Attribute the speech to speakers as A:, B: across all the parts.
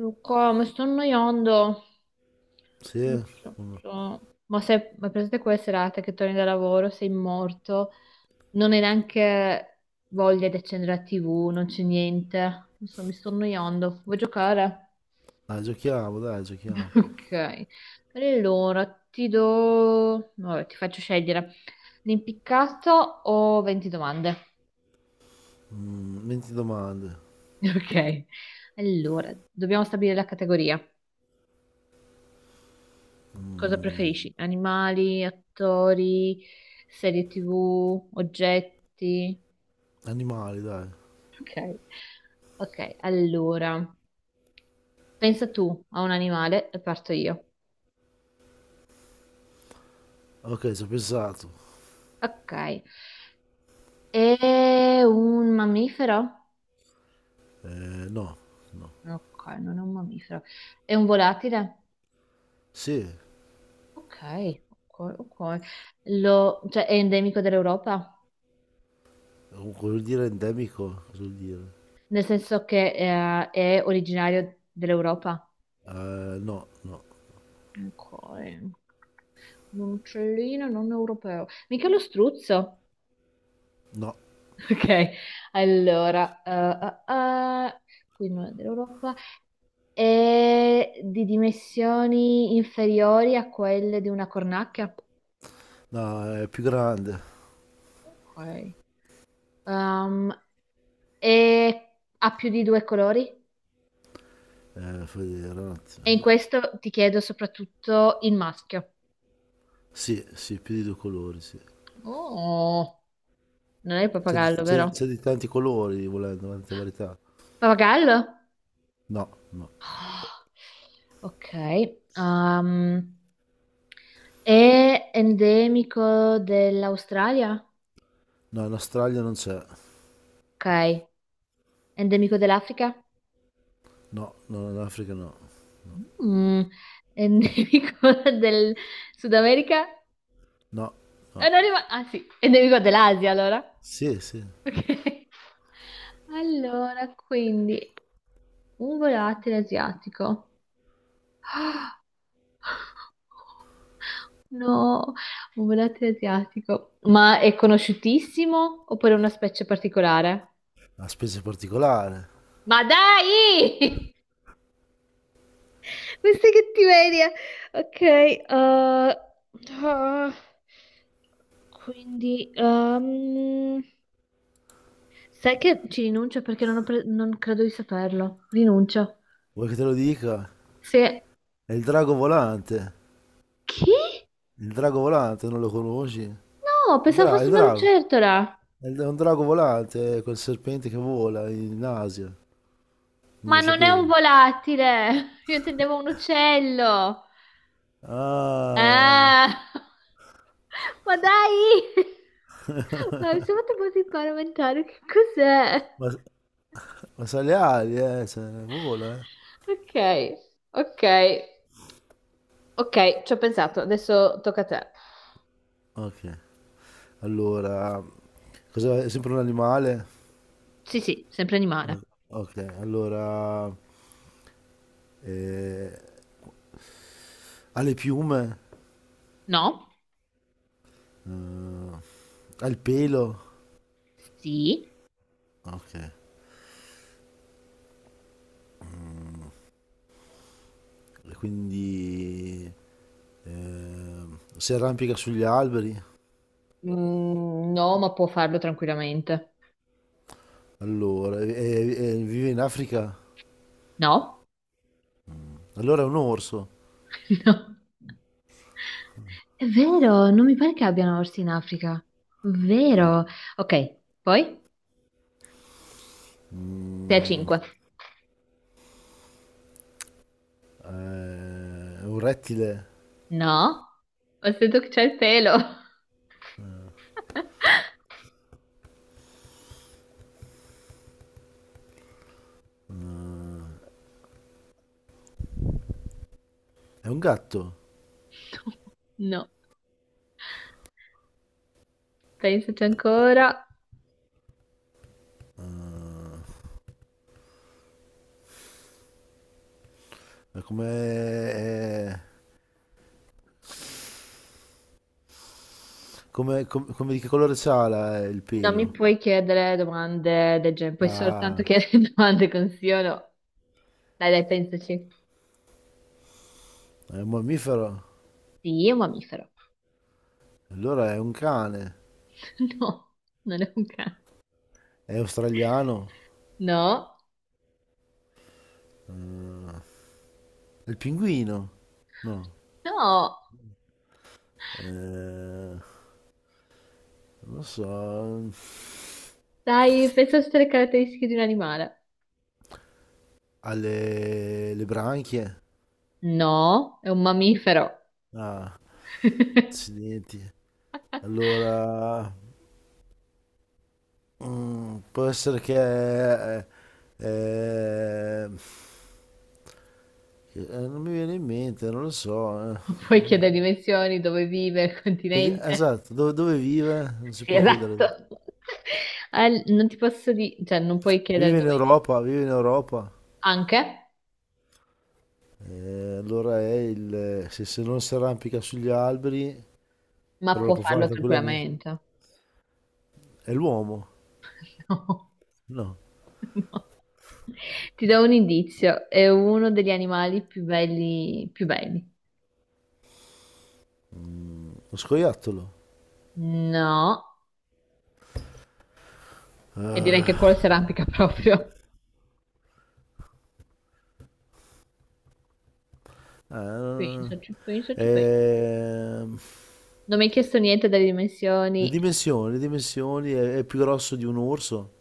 A: Luca, mi sto annoiando. Non
B: Sì,
A: so, ma se ma presente quelle serate che torni da lavoro, sei morto, non hai neanche voglia di accendere la TV, non c'è niente. Non so, mi sto annoiando. Vuoi giocare?
B: dai, giochiamo, dai, giochiamo.
A: Ok. Allora, ti do... Vabbè, ti faccio scegliere. L'impiccato o 20 domande?
B: Mm, 20 domande.
A: Ok. Allora, dobbiamo stabilire la categoria. Cosa
B: Mm,
A: preferisci? Animali, attori, serie TV, oggetti?
B: animali, dai.
A: Ok. Ok, allora, pensa tu a un animale e parto io.
B: Ok, ci ho pensato.
A: Ok. È un mammifero?
B: No, no.
A: Ok, non è un mammifero. È un volatile?
B: Sì,
A: Ok, ok, ok. È endemico dell'Europa?
B: cosa vuol dire endemico? Cosa vuol dire?
A: Nel senso che è originario dell'Europa?
B: No, no,
A: Ok, un uccellino non europeo. Mica lo struzzo.
B: no.
A: Ok, allora. Qui non è dell'Europa. È di dimensioni inferiori a quelle di una cornacchia.
B: No, è più grande.
A: Ok. Um, e ha più di due colori.
B: Fai vedere un attimo.
A: E in questo ti chiedo soprattutto il maschio.
B: Sì, sì, più di due colori, sì.
A: Oh, non è il
B: C'è di,
A: pappagallo,
B: c'è di- c'è
A: vero?
B: di tanti colori, volendo, tante varietà.
A: Pappagallo?
B: No, no.
A: Ah, ok. Ehm, È endemico dell'Australia?
B: No, in Australia non c'è.
A: Ok. Endemico dell'Africa?
B: No, no, in Africa no.
A: Mm. Endemico del Sud America?
B: No, no.
A: Non rima- Ah sì, endemico dell'Asia allora.
B: Sì, sì.
A: Ok. Allora, quindi un volatile asiatico. No, un volatile asiatico. Ma è conosciutissimo oppure è una specie particolare?
B: Una specie particolare.
A: Ma dai! Questa è cattiveria. Ok, ah, quindi sai che ci rinuncio perché non, ho pre- non credo di saperlo. Rinuncio.
B: Vuoi che te lo dica?
A: Se...
B: È il drago volante.
A: Chi?
B: Il drago volante, non lo conosci?
A: No, pensavo fosse
B: Il
A: una
B: drago.
A: lucertola.
B: È un drago volante, è quel serpente che vola in Asia. Non
A: Ma
B: lo
A: non è un
B: sapevi.
A: volatile. Io intendevo un uccello.
B: Ah,
A: Ah, ma dai! No, mi sono fatto un po' di parlamentare. Che cos'è?
B: ma, ma sa le ali, cioè, vola, eh.
A: Ok, ok. Ok, ci ho pensato, adesso tocca a te.
B: Ok, allora, è sempre un animale?
A: Sì, sì, sempre animale.
B: O- Ok, allora, eh, ha le piume.
A: No?
B: Eh, Ha il pelo.
A: Sì.
B: Ok. Mm. E quindi eh, si arrampica sugli alberi,
A: Mm, no, ma può farlo tranquillamente.
B: allora, e vive in Africa,
A: No?
B: allora è un orso.
A: No. È vero, non mi pare che abbiano orsi in Africa. Vero. Ok, poi? 6 a
B: Mm, eh,
A: 5.
B: è un rettile,
A: No? Ho sentito che c'è il pelo.
B: eh, è un gatto,
A: No, pensaci ancora.
B: eh, è come, è- come di che colore c'ha il
A: Non mi
B: pelo?
A: puoi chiedere domande del genere, puoi soltanto
B: Ah,
A: chiedere domande con sì o no. Dai, dai, pensaci.
B: è un mammifero,
A: Sì, è un mammifero.
B: allora è un cane,
A: No, non è un cane.
B: è australiano,
A: No,
B: è il pinguino, no,
A: no.
B: eh, non lo so...
A: Dai, pensa a tutte le caratteristiche di un animale.
B: Alle le branchie?
A: No, è un mammifero.
B: Ah, accidenti. Allora, può essere che... eh, non mi viene in mente, non lo so.
A: Non puoi chiedere dimensioni, dove vive, il continente.
B: Esatto, dove vive? Non si
A: Sì,
B: può
A: esatto.
B: chiedere.
A: Non ti posso dire, cioè, non puoi chiedere
B: Vive in
A: dove vive.
B: Europa, vive in Europa.
A: Anche,
B: Allora è il... Se non si arrampica sugli alberi,
A: ma
B: però lo
A: può
B: può fare
A: farlo
B: tranquillamente.
A: tranquillamente.
B: È l'uomo?
A: No,
B: No,
A: no. Ti do un indizio, è uno degli animali più belli, più belli.
B: lo scoiattolo.
A: No, e direi che quello
B: Ah.
A: si arrampica proprio.
B: Eh,
A: Pensaci, pensaci, pensaci.
B: ehm,
A: Non mi hai chiesto niente delle
B: le
A: dimensioni.
B: dimensioni, le dimensioni è più grosso di un orso,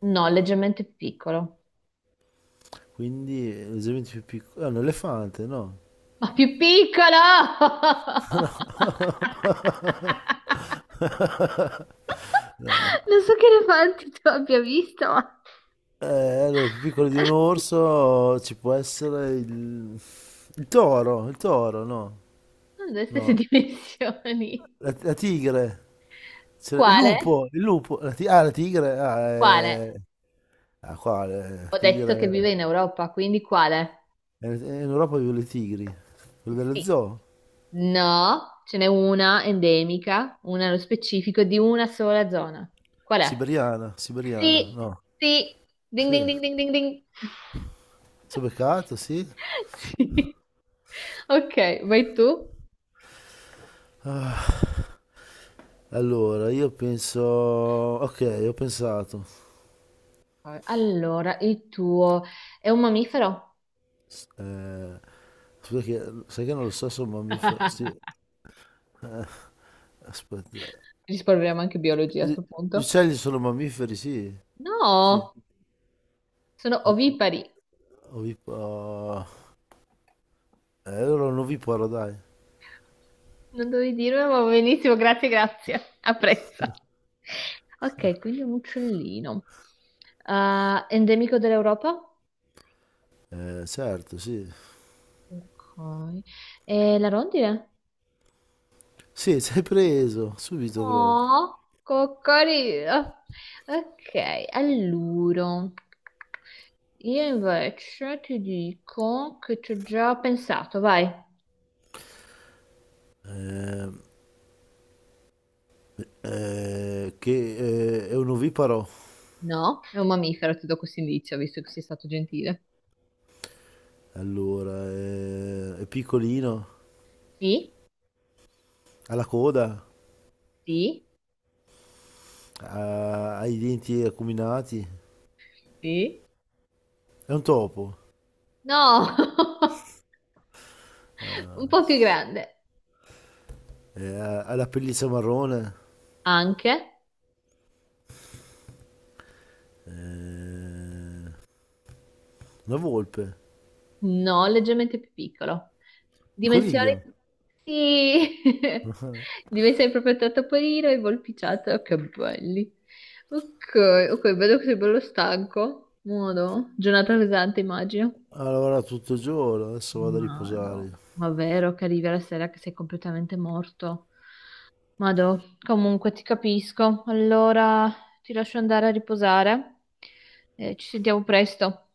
A: No, leggermente più piccolo.
B: quindi è leggermente più piccolo. È un elefante, no?
A: Ma più piccolo!
B: No. No.
A: Non so che elefanti tu abbia visto, ma...
B: Eh, allora, più piccolo di un orso ci può essere il toro, no?
A: Sono delle stesse
B: No.
A: dimensioni.
B: La tigre. Il
A: Quale?
B: lupo, il lupo. La tigre. Ah,
A: Quale?
B: eh. Ah, qua, la
A: Ho detto che
B: tigre.
A: vive in Europa, quindi quale?
B: In Europa vivono le tigri. Quello dello
A: Sì.
B: zoo?
A: No, ce n'è una endemica, una nello specifico di una sola zona. Qual è? Mm.
B: Siberiana, siberiana.
A: Sì,
B: No.
A: sì, ding ding
B: Sì.
A: ding ding ding ding.
B: Sono beccato, sì.
A: Sì. Ok, vai tu.
B: Ah, allora, io penso... Ok, ho pensato.
A: Allora, il tuo è un mammifero?
B: S- eh, Scusa che... Sai che non lo so se è un mammifero... Sì. Eh, Aspetta.
A: Risparmiamo anche biologia a
B: Gli
A: sto
B: Gli
A: punto.
B: uccelli sono mammiferi, sì, sì.
A: No, sono ovipari.
B: Oviparo... allora un oviparo, dai.
A: Non dovevi dirlo, ma va benissimo, grazie, grazie. Apprezzo. Ok, quindi un uccellino. Ah, endemico dell'Europa?
B: Certo, sì.
A: Ok. E la rondine?
B: Sì, sei preso, subito proprio.
A: Oh, coccolino. Ok, allora. Io invece ti dico che ci ho già pensato, vai.
B: Ehm, che È un oviparo.
A: No, è un mammifero, ti do questo indizio, visto che sei stato gentile.
B: Allora, è piccolino,
A: Sì,
B: ha la coda,
A: sì,
B: ha i denti acuminati.
A: sì.
B: È un topo.
A: No!
B: Ah,
A: Un po' più grande,
B: Ha la pelliccia marrone.
A: anche,
B: Eh, una volpe.
A: no, leggermente più piccolo.
B: Il
A: Dimensioni,
B: coniglio.
A: sì, dimensioni proprio tra topolino e volpiciato, che belli. Ok, ok, vedo che sei bello stanco. Modo, giornata pesante, immagino.
B: Ha lavorato tutto il giorno, adesso vado a
A: Mado,
B: riposare.
A: ma vero che arrivi alla sera che sei completamente morto? Mado, comunque ti capisco. Allora ti lascio andare a riposare. Ci sentiamo presto.